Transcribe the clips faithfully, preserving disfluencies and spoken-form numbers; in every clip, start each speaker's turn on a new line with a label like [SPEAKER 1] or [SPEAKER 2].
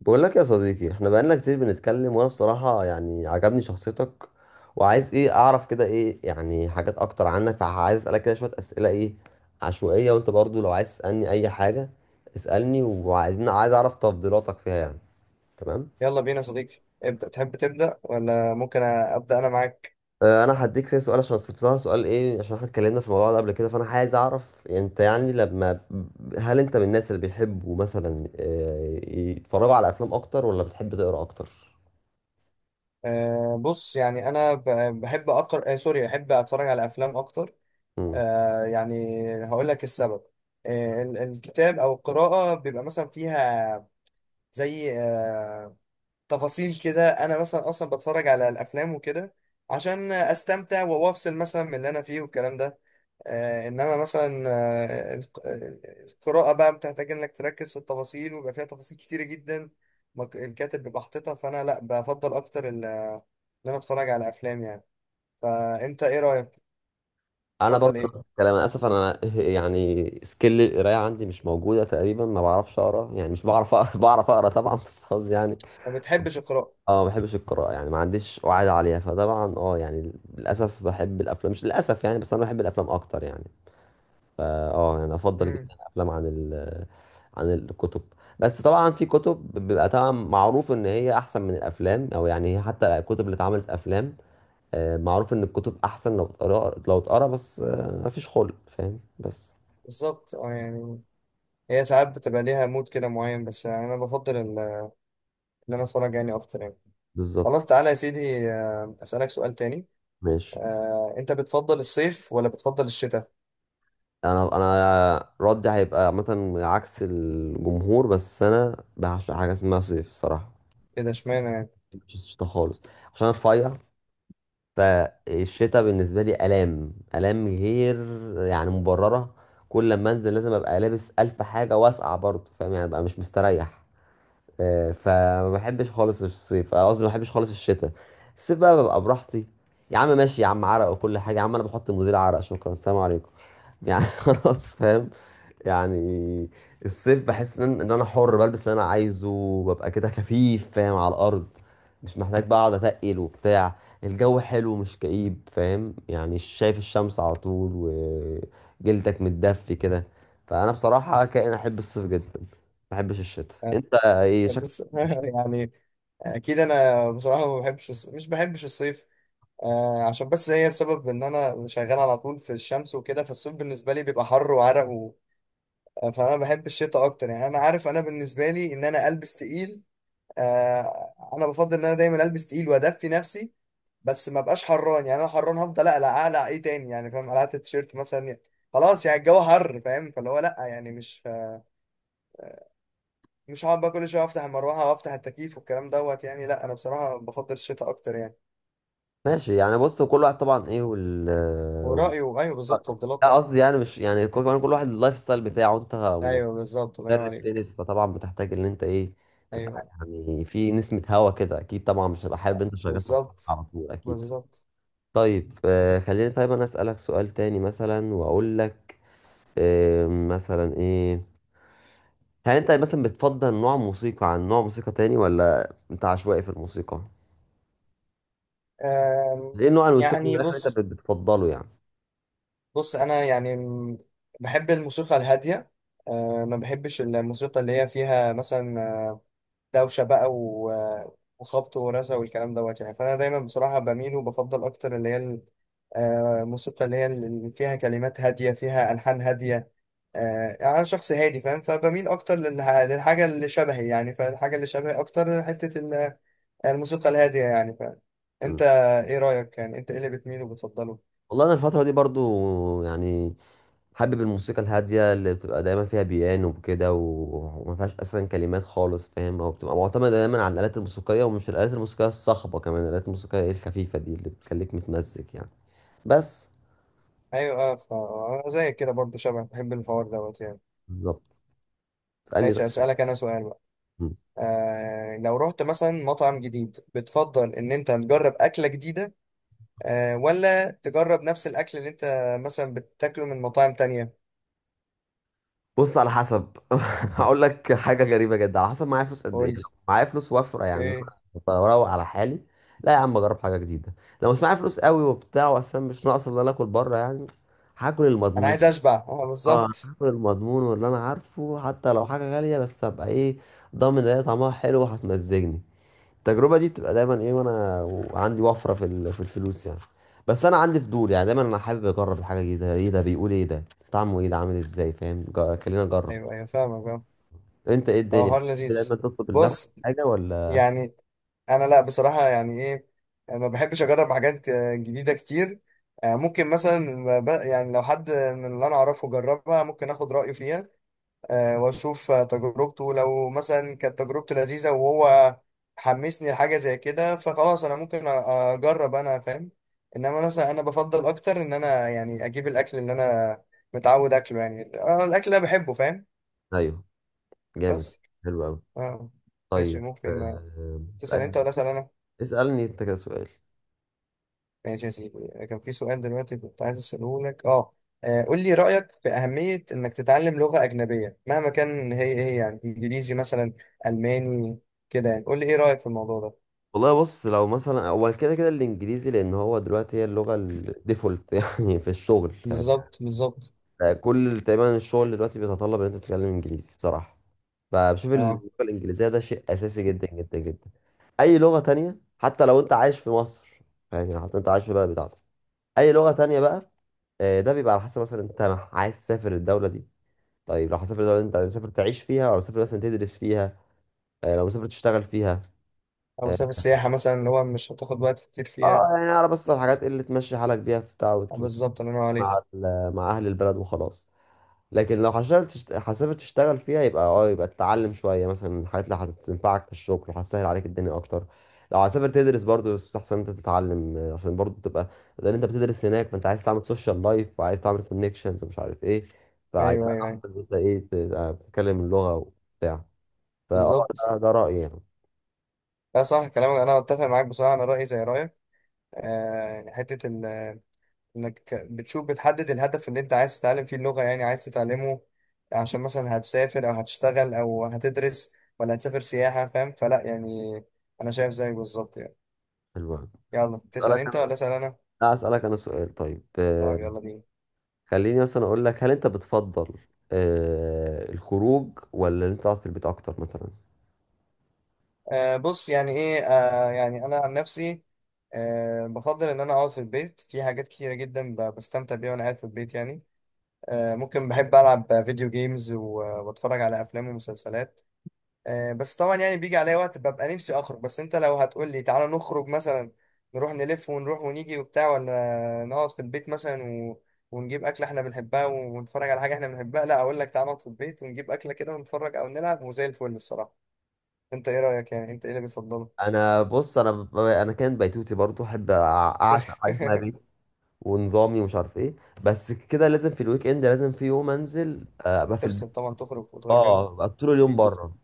[SPEAKER 1] بقول لك يا صديقي، احنا بقالنا كتير بنتكلم وانا بصراحة يعني عجبني شخصيتك. وعايز ايه اعرف كده ايه يعني حاجات اكتر عنك، فعايز اسألك كده شوية اسئلة ايه عشوائية. وانت برضو لو عايز تسألني اي حاجة اسألني. وعايزين عايز اعرف تفضيلاتك فيها يعني. تمام.
[SPEAKER 2] يلا بينا يا صديقي. ابدأ، تحب تبدأ ولا ممكن أبدأ أنا معاك؟
[SPEAKER 1] اه، انا هديك كده سؤال عشان بصراحة سؤال ايه، عشان احنا اتكلمنا في الموضوع ده قبل كده، فانا عايز اعرف انت يعني لما... هل انت من الناس اللي بيحبوا مثلا اه، يتفرجوا على افلام اكتر، ولا بتحب تقرا اكتر؟
[SPEAKER 2] أه بص، يعني أنا ب- بحب أقرأ، أه سوري بحب أتفرج على أفلام أكتر. أه يعني هقول لك السبب. أه ال- الكتاب أو القراءة بيبقى مثلا فيها زي آه، تفاصيل كده. انا مثلا اصلا بتفرج على الافلام وكده عشان استمتع وافصل مثلا من اللي انا فيه والكلام ده. آه انما مثلا آه الق- آه، القراءة بقى بتحتاج انك تركز في التفاصيل، ويبقى فيها تفاصيل كتيرة جدا مك- الكاتب بيبقى حاططها. فانا لا، بفضل اكتر ال- ان انا اتفرج على افلام يعني. فانت ايه رأيك؟
[SPEAKER 1] انا برضه
[SPEAKER 2] تفضل ايه؟
[SPEAKER 1] نفس الكلام. انا اسف، انا يعني سكيل القرايه عندي مش موجوده تقريبا، ما بعرفش اقرا، يعني مش بعرف اقرا بعرف اقرا طبعا، بس قصدي يعني
[SPEAKER 2] ما بتحبش القراءة؟
[SPEAKER 1] اه، ما بحبش القراءه يعني، ما عنديش وعي عليها. فطبعا اه، يعني للاسف بحب الافلام، مش للاسف يعني، بس انا بحب الافلام اكتر يعني. فا اه يعني افضل
[SPEAKER 2] امم
[SPEAKER 1] جدا الافلام عن ال عن الكتب. بس طبعا في كتب بيبقى طبعا معروف ان هي احسن من الافلام، او يعني حتى الكتب اللي اتعملت افلام، آه، معروف ان الكتب احسن لو اتقرا لو اتقرا، بس آه، مفيش خلق فاهم بس.
[SPEAKER 2] بالظبط، اه يعني هي ساعات بتبقى ليها مود كده معين، بس يعني انا بفضل ال- ان انا اتفرج يعني اكتر يعني.
[SPEAKER 1] بالظبط.
[SPEAKER 2] خلاص تعالى يا سيدي، آه، أسألك سؤال تاني.
[SPEAKER 1] ماشي.
[SPEAKER 2] آه، أنت بتفضل الصيف ولا بتفضل الشتاء؟
[SPEAKER 1] انا انا ردي هيبقى مثلا عكس الجمهور، بس انا بعشق حاجه اسمها صيف الصراحه.
[SPEAKER 2] كده اشمعنى يعني؟
[SPEAKER 1] مش الشتا خالص. عشان أنا رفيع. فالشتا بالنسبه لي الام الام، غير يعني مبرره. كل لما انزل لازم ابقى لابس الف حاجه واسقع برضه، فاهم يعني؟ ابقى مش مستريح. آه، فما بحبش خالص الصيف، آه، قصدي ما بحبش خالص الشتاء. الصيف بقى ببقى براحتي. يا عم ماشي يا عم، عرق وكل حاجة يا عم، انا بحط مزيل عرق، شكرا، السلام عليكم. يعني خلاص فاهم. يعني الصيف بحس ان إن انا حر، بلبس اللي انا عايزه وببقى كده خفيف فاهم على الارض. مش محتاج بقى اقعد اتقل وبتاع. الجو حلو مش كئيب، فاهم يعني؟ شايف الشمس على طول، وجلدك متدفي كده. فانا بصراحة كائن احب الصيف جدا، ما بحبش الشتاء.
[SPEAKER 2] آه،
[SPEAKER 1] انت ايه شكلك؟
[SPEAKER 2] بص، يعني أكيد أنا بصراحة ما بحبش الص- مش بحبش الصيف. آه، عشان بس هي بسبب إن أنا شغال على طول في الشمس وكده، فالصيف بالنسبة لي بيبقى حر وعرق و... آه، فأنا بحب الشتاء أكتر. يعني أنا عارف أنا بالنسبة لي إن أنا ألبس تقيل. آه انا بفضل ان انا دايما البس تقيل وادفي نفسي، بس ما بقاش حران. يعني انا حران هفضل اقلع، اقلع ايه تاني يعني؟ فاهم، قلعت التيشيرت مثلا يعني خلاص. يعني الجو حر فاهم، فاللي هو لا يعني مش مش هقعد بقى كل شويه افتح المروحه وافتح التكييف والكلام دوت يعني. لا انا بصراحه بفضل الشتاء اكتر يعني.
[SPEAKER 1] ماشي يعني، بص كل واحد طبعا ايه وال
[SPEAKER 2] ورايه.
[SPEAKER 1] وال-
[SPEAKER 2] ايوه بالظبط، تفضيلاته.
[SPEAKER 1] لا، قصدي يعني مش، يعني كل، كمان كل واحد اللايف ستايل بتاعه. انت
[SPEAKER 2] ايوه بالظبط، الله ينور
[SPEAKER 1] مدرب
[SPEAKER 2] عليك.
[SPEAKER 1] تنس، فطبعا بتحتاج ان انت ايه
[SPEAKER 2] ايوه
[SPEAKER 1] تبقى
[SPEAKER 2] أيوة،
[SPEAKER 1] يعني في نسمة هوا كده اكيد. طبعا مش هبقى حابب انت شغال في الحر
[SPEAKER 2] بالظبط
[SPEAKER 1] على طول، اكيد.
[SPEAKER 2] بالظبط.
[SPEAKER 1] طيب آه خليني، طيب انا اسألك سؤال تاني مثلا، واقول لك آه مثلا ايه. هل انت مثلا بتفضل نوع موسيقى عن نوع موسيقى تاني، ولا انت عشوائي في الموسيقى؟
[SPEAKER 2] آم،
[SPEAKER 1] ايه نوع الموسيقى
[SPEAKER 2] يعني
[SPEAKER 1] اللي انت
[SPEAKER 2] بص،
[SPEAKER 1] بت- بتفضله يعني؟
[SPEAKER 2] بص انا يعني م- بحب الموسيقى الهاديه. أه ما بحبش الموسيقى اللي هي فيها مثلا آه، دوشه بقى و- آه، وخبط ورزع والكلام دوت يعني. فانا دايما بصراحه بميل وبفضل اكتر اللي هي ال- آه، الموسيقى اللي هي اللي فيها كلمات هاديه، فيها الحان هاديه. آه، يعني انا شخص هادي فاهم، فبميل اكتر للح- للحاجه اللي شبهي يعني، فالحاجه اللي شبهي اكتر حته ال- الموسيقى الهاديه يعني فاهم. انت ايه رايك يعني، انت ايه اللي بتميل وبتفضله؟
[SPEAKER 1] والله انا الفتره دي برضو يعني حابب الموسيقى الهاديه اللي بتبقى دايما فيها بيانو وكده، و- وما فيهاش اصلا كلمات خالص فاهم، او بتبقى معتمده دايما على الالات الموسيقيه، ومش الالات الموسيقيه الصاخبه، كمان الالات الموسيقيه إيه الخفيفه دي اللي بتخليك متمزج يعني. بس.
[SPEAKER 2] ايوه اه، فانا زي كده برضه شبه بحب الحوار دوت يعني.
[SPEAKER 1] بالظبط. اسالني
[SPEAKER 2] ماشي
[SPEAKER 1] طيب.
[SPEAKER 2] اسالك انا سؤال بقى.
[SPEAKER 1] مم.
[SPEAKER 2] آه لو رحت مثلا مطعم جديد، بتفضل ان انت تجرب اكله جديده آه ولا تجرب نفس الاكل اللي انت مثلا بتاكله من مطاعم تانية؟
[SPEAKER 1] بص على حسب. هقول لك حاجه غريبه جدا، على حسب معايا فلوس قد
[SPEAKER 2] قول
[SPEAKER 1] ايه.
[SPEAKER 2] لي.
[SPEAKER 1] لو معايا فلوس وفره يعني،
[SPEAKER 2] ايه،
[SPEAKER 1] أنا بروق على حالي. لا يا عم، اجرب حاجه جديده. لو مش معايا فلوس قوي وبتاع، واصلا مش ناقص الا انا اكل بره يعني، هاكل
[SPEAKER 2] انا
[SPEAKER 1] المضمون.
[SPEAKER 2] عايز اشبع اه
[SPEAKER 1] اه،
[SPEAKER 2] بالظبط.
[SPEAKER 1] هاكل المضمون واللي انا عارفه، حتى لو حاجه غاليه بس ابقى ايه ضامن ان هي طعمها حلو وهتمزجني. التجربه دي بتبقى دايما ايه، وانا وعندي وفره في ال- في الفلوس يعني. بس انا عندي فضول يعني، دايما انا حابب اجرب الحاجه جديده، ايه ده بيقول؟ ايه ده طعمه ايه؟ ده عامل ازاي؟ فاهم، جا- خلينا اجرب.
[SPEAKER 2] ايوه ايوه فاهمك اه.
[SPEAKER 1] انت ايه
[SPEAKER 2] هو
[SPEAKER 1] الدنيا،
[SPEAKER 2] حوار
[SPEAKER 1] بتحب دايما
[SPEAKER 2] لذيذ.
[SPEAKER 1] تطلب لنفسك
[SPEAKER 2] بص،
[SPEAKER 1] حاجه ولا؟
[SPEAKER 2] يعني انا لا بصراحه يعني ايه، انا ما بحبش اجرب حاجات آه، جديده كتير. آه، ممكن مثلا ب- يعني لو حد من اللي انا اعرفه جربها ممكن اخد رايه فيها. آه، واشوف آه، تجربته. لو مثلا كانت تجربته لذيذه وهو حمسني لحاجه زي كده، فخلاص انا ممكن أ- اجرب انا فاهم. انما مثلا انا بفضل اكتر ان انا يعني اجيب الاكل اللي انا متعود اكله يعني، آه، الاكل اللي انا بحبه فاهم.
[SPEAKER 1] ايوه. جامد.
[SPEAKER 2] بس
[SPEAKER 1] حلو قوي.
[SPEAKER 2] اه. ماشي،
[SPEAKER 1] طيب
[SPEAKER 2] ممكن آه،
[SPEAKER 1] آه،
[SPEAKER 2] تسال انت
[SPEAKER 1] اسالني.
[SPEAKER 2] ولا اسال انا؟
[SPEAKER 1] اسالني انت كده سؤال.
[SPEAKER 2] ماشي يا سيدي، كان في سؤال دلوقتي كنت عايز أسأله لك اه. آه، قول لي رأيك في أهمية إنك تتعلم لغة أجنبية، مهما كان هي هي يعني إنجليزي مثلا، ألماني كده يعني. قول لي إيه رأيك في الموضوع ده.
[SPEAKER 1] والله بص، لو مثلا اول كده كده الانجليزي، لان هو دلوقتي هي اللغه الديفولت يعني في الشغل فاهم.
[SPEAKER 2] بالظبط بالظبط
[SPEAKER 1] يعني كل تقريبا الشغل دلوقتي بيتطلب ان انت تتكلم انجليزي بصراحه. فبشوف اللغه
[SPEAKER 2] اه.
[SPEAKER 1] الانجليزيه ده شيء اساسي جدا جدا جدا. اي لغه تانية حتى لو انت عايش في مصر، فاهم يعني؟ حتى انت عايش في البلد بتاعتك، اي لغه تانية بقى، آه، ده بيبقى على حسب مثلا انت عايز تسافر الدوله دي. طيب لو هتسافر الدوله اللي انت مسافر تعيش فيها، او مسافر مثلا تدرس فيها، آه، لو مسافر تشتغل فيها،
[SPEAKER 2] أو
[SPEAKER 1] آه،
[SPEAKER 2] مسافة السياحة مثلا اللي هو مش هتاخد وقت كتير
[SPEAKER 1] اه
[SPEAKER 2] فيها.
[SPEAKER 1] يعني اعرف بس الحاجات اللي تمشي حالك بيها في بتاع
[SPEAKER 2] آه،
[SPEAKER 1] وت- وت-
[SPEAKER 2] بالظبط، الله ينور
[SPEAKER 1] مع
[SPEAKER 2] عليك.
[SPEAKER 1] ال- مع اهل البلد وخلاص. لكن لو حشرت تشت- حسبت تشتغل فيها، يبقى اه يبقى تتعلم شويه مثلا الحاجات اللي هتنفعك في الشغل وهتسهل عليك الدنيا اكتر. لو هتسافر تدرس برضه يستحسن انت تتعلم، آه، عشان برضه تبقى، لان انت بتدرس هناك، فانت عايز تعمل سوشيال لايف وعايز تعمل كونكشنز ومش عارف ايه.
[SPEAKER 2] أيوه
[SPEAKER 1] فهيبقى
[SPEAKER 2] أيوه أيوه.
[SPEAKER 1] احسن إن انت ايه تبقى بتتكلم اللغه وبتاع. فاه
[SPEAKER 2] بالظبط.
[SPEAKER 1] ده ده رايي يعني.
[SPEAKER 2] لا صح كلامك، أنا أتفق معاك بصراحة. أنا رأيي زي رأيك. آه يعني حتة ال، انك بتشوف بتحدد الهدف اللي انت عايز تتعلم فيه اللغة، يعني عايز تتعلمه عشان مثلا هتسافر او هتشتغل او هتدرس ولا هتسافر سياحة فاهم. فلا يعني انا شايف زيك بالظبط يعني.
[SPEAKER 1] حلو أوي.
[SPEAKER 2] يلا تسأل
[SPEAKER 1] اسالك
[SPEAKER 2] انت
[SPEAKER 1] انا.
[SPEAKER 2] ولا اسأل انا؟
[SPEAKER 1] لا، اسالك انا سؤال طيب.
[SPEAKER 2] طب يلا بينا.
[SPEAKER 1] خليني مثلا اقول لك، هل انت بتفضل آه الخروج ولا ان انت تقعد في البيت اكتر مثلا؟
[SPEAKER 2] آه بص، يعني ايه، آه يعني انا عن نفسي آه بفضل ان انا اقعد في البيت. في حاجات كتيرة جدا ب- بستمتع بيها وانا قاعد في البيت يعني. آه ممكن، بحب العب فيديو جيمز واتفرج على افلام ومسلسلات. آه، بس طبعا يعني بيجي عليا وقت ببقى نفسي اخرج. بس انت لو هتقول لي تعالى نخرج مثلا، نروح نلف ونروح ونيجي وبتاع، ولا نقعد في البيت مثلا و... ونجيب اكله احنا بنحبها ونتفرج على حاجه احنا بنحبها، لا اقول لك تعالى نقعد في البيت ونجيب اكله كده ونتفرج او نلعب وزي الفل الصراحه. انت ايه رايك يعني، انت ايه اللي بتفضله؟
[SPEAKER 1] انا بص، انا ب- انا كان بيتوتي برضو، احب أع- اعشق حاجه اسمها بيت، ونظامي ومش عارف ايه. بس كده لازم في الويك اند، لازم في يوم انزل، آه، ابقى في البيت،
[SPEAKER 2] تفصل طبعا، تخرج وتغير جو
[SPEAKER 1] اه، ابقى طول اليوم
[SPEAKER 2] جديد.
[SPEAKER 1] بره.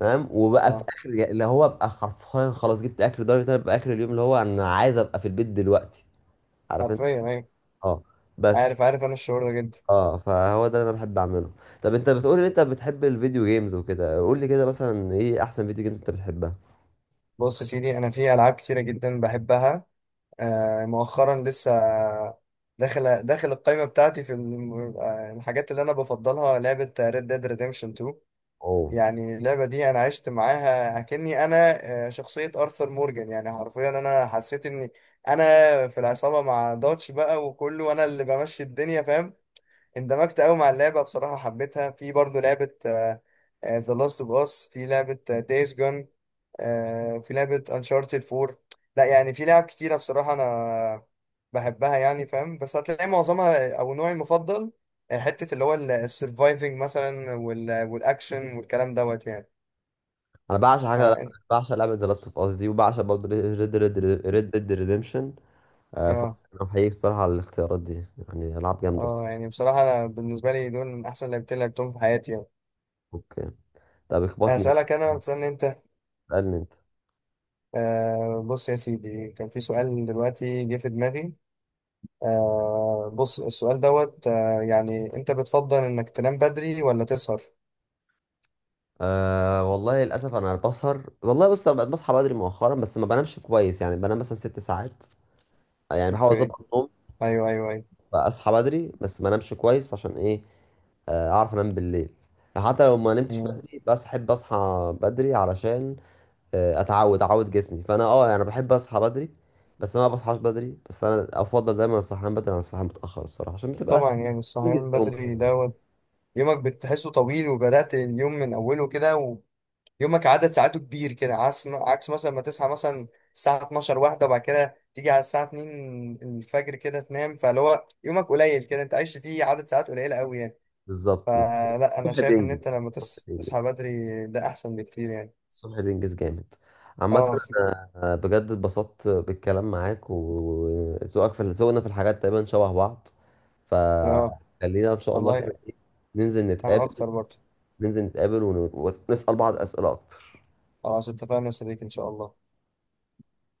[SPEAKER 1] تمام، وبقى في
[SPEAKER 2] اه
[SPEAKER 1] اخر اللي هو، ابقى حرفيا خلاص جبت اخر درجه إن انا ابقى اخر اليوم اللي هو انا عايز ابقى في البيت دلوقتي، عارف انت؟
[SPEAKER 2] حرفيا، ايوه.
[SPEAKER 1] اه. بس
[SPEAKER 2] عارف عارف، انا الشعور ده جدا.
[SPEAKER 1] اه، فهو ده اللي انا بحب اعمله. طب انت بتقول ان انت بتحب الفيديو جيمز وكده، قول لي كده مثلا ايه احسن فيديو جيمز انت بتحبها؟
[SPEAKER 2] بص يا سيدي، انا في العاب كتيره جدا بحبها. آه، مؤخرا لسه داخل داخل القائمة بتاعتي في الم- آه، الحاجات اللي أنا بفضلها لعبة Red Dead Redemption اتنين.
[SPEAKER 1] اوه،
[SPEAKER 2] يعني اللعبة دي أنا عشت معاها أكني أنا آه، شخصية أرثر مورجان. يعني حرفيا أنا حسيت إني أنا في العصابة مع دوتش بقى وكله وأنا اللي بمشي الدنيا فاهم. اندمجت أوي مع اللعبة بصراحة، حبيتها. في برضه لعبة آه، آه، The Last of Us، في لعبة آه، Days Gone، آه، في لعبة انشارتد اربعة. لا يعني في لعب كتيرة بصراحة انا بحبها يعني فاهم. بس هتلاقي معظمها او نوعي المفضل آه، حتة اللي هو السرفايفنج مثلا وال- والاكشن والكلام دوت يعني.
[SPEAKER 1] انا بعشق
[SPEAKER 2] اه
[SPEAKER 1] حاجه،
[SPEAKER 2] إن-
[SPEAKER 1] بعشق لعبه ذا لاست اوف اس دي، وبعشق برضه ريد ريد ريد ديد ريديمشن. فانا
[SPEAKER 2] اه.
[SPEAKER 1] بحييك الصراحه على الاختيارات دي. يعني العاب جامده
[SPEAKER 2] آه،
[SPEAKER 1] الصراحة.
[SPEAKER 2] يعني بصراحة أنا بالنسبة لي دول من أحسن لعبتين لعبتهم في حياتي يعني.
[SPEAKER 1] اوكي. طب اخبطني بقى.
[SPEAKER 2] أسألك أنا وتسألني أنت.
[SPEAKER 1] اسالني انت.
[SPEAKER 2] آه بص يا سيدي، كان في سؤال دلوقتي جه في دماغي. آه بص، السؤال دوت آه يعني، أنت بتفضل إنك تنام بدري ولا تسهر؟
[SPEAKER 1] أه والله للاسف انا بسهر. والله بص، انا بقيت بصحى بدري مؤخرا بس ما بنامش كويس، يعني بنام مثلا ست ساعات. يعني بحاول
[SPEAKER 2] اوكي.
[SPEAKER 1] اظبط النوم،
[SPEAKER 2] ايوه ايوه ايوه.
[SPEAKER 1] بقى اصحى بدري بس ما انامش كويس. عشان ايه؟ آه، اعرف انام بالليل. حتى لو ما نمتش
[SPEAKER 2] مم.
[SPEAKER 1] بدري بس احب اصحى بدري علشان آه، اتعود اعود جسمي. فانا اه يعني بحب اصحى بدري، بس انا ما بصحاش بدري. بس انا افضل دايما الصحيان بدري عن الصحيان متاخر، الصراحه عشان بتبقى
[SPEAKER 2] طبعا يعني
[SPEAKER 1] انجز
[SPEAKER 2] الصحيان
[SPEAKER 1] يومك.
[SPEAKER 2] بدري دوت، يومك بتحسه طويل وبدأت اليوم من اوله كده، ويومك عدد ساعاته كبير كده، عكس عكس مثلا ما تصحى مثلا الساعة اتناشر واحدة، وبعد كده تيجي على الساعة اتنين الفجر كده تنام، فاللي هو يومك قليل كده انت عايش فيه، عدد ساعات قليلة قوي يعني.
[SPEAKER 1] بالظبط بالظبط.
[SPEAKER 2] فلا انا
[SPEAKER 1] الصبح
[SPEAKER 2] شايف ان
[SPEAKER 1] بينجز.
[SPEAKER 2] انت لما
[SPEAKER 1] الصبح
[SPEAKER 2] تص-
[SPEAKER 1] بينجز.
[SPEAKER 2] تصحى بدري ده احسن بكتير يعني.
[SPEAKER 1] الصبح بينجز جامد، عامة.
[SPEAKER 2] اه
[SPEAKER 1] أنا آه، بجد اتبسطت بالكلام معاك، وذوقك في ذوقنا في الحاجات تقريبا شبه بعض.
[SPEAKER 2] اه.
[SPEAKER 1] فخلينا ان شاء الله
[SPEAKER 2] والله
[SPEAKER 1] كده إيه، ننزل
[SPEAKER 2] انا
[SPEAKER 1] نتقابل
[SPEAKER 2] اكتر برضه.
[SPEAKER 1] ننزل نتقابل ونسأل بعض أسئلة أكتر.
[SPEAKER 2] خلاص اتفقنا يا صديقي ان شاء الله.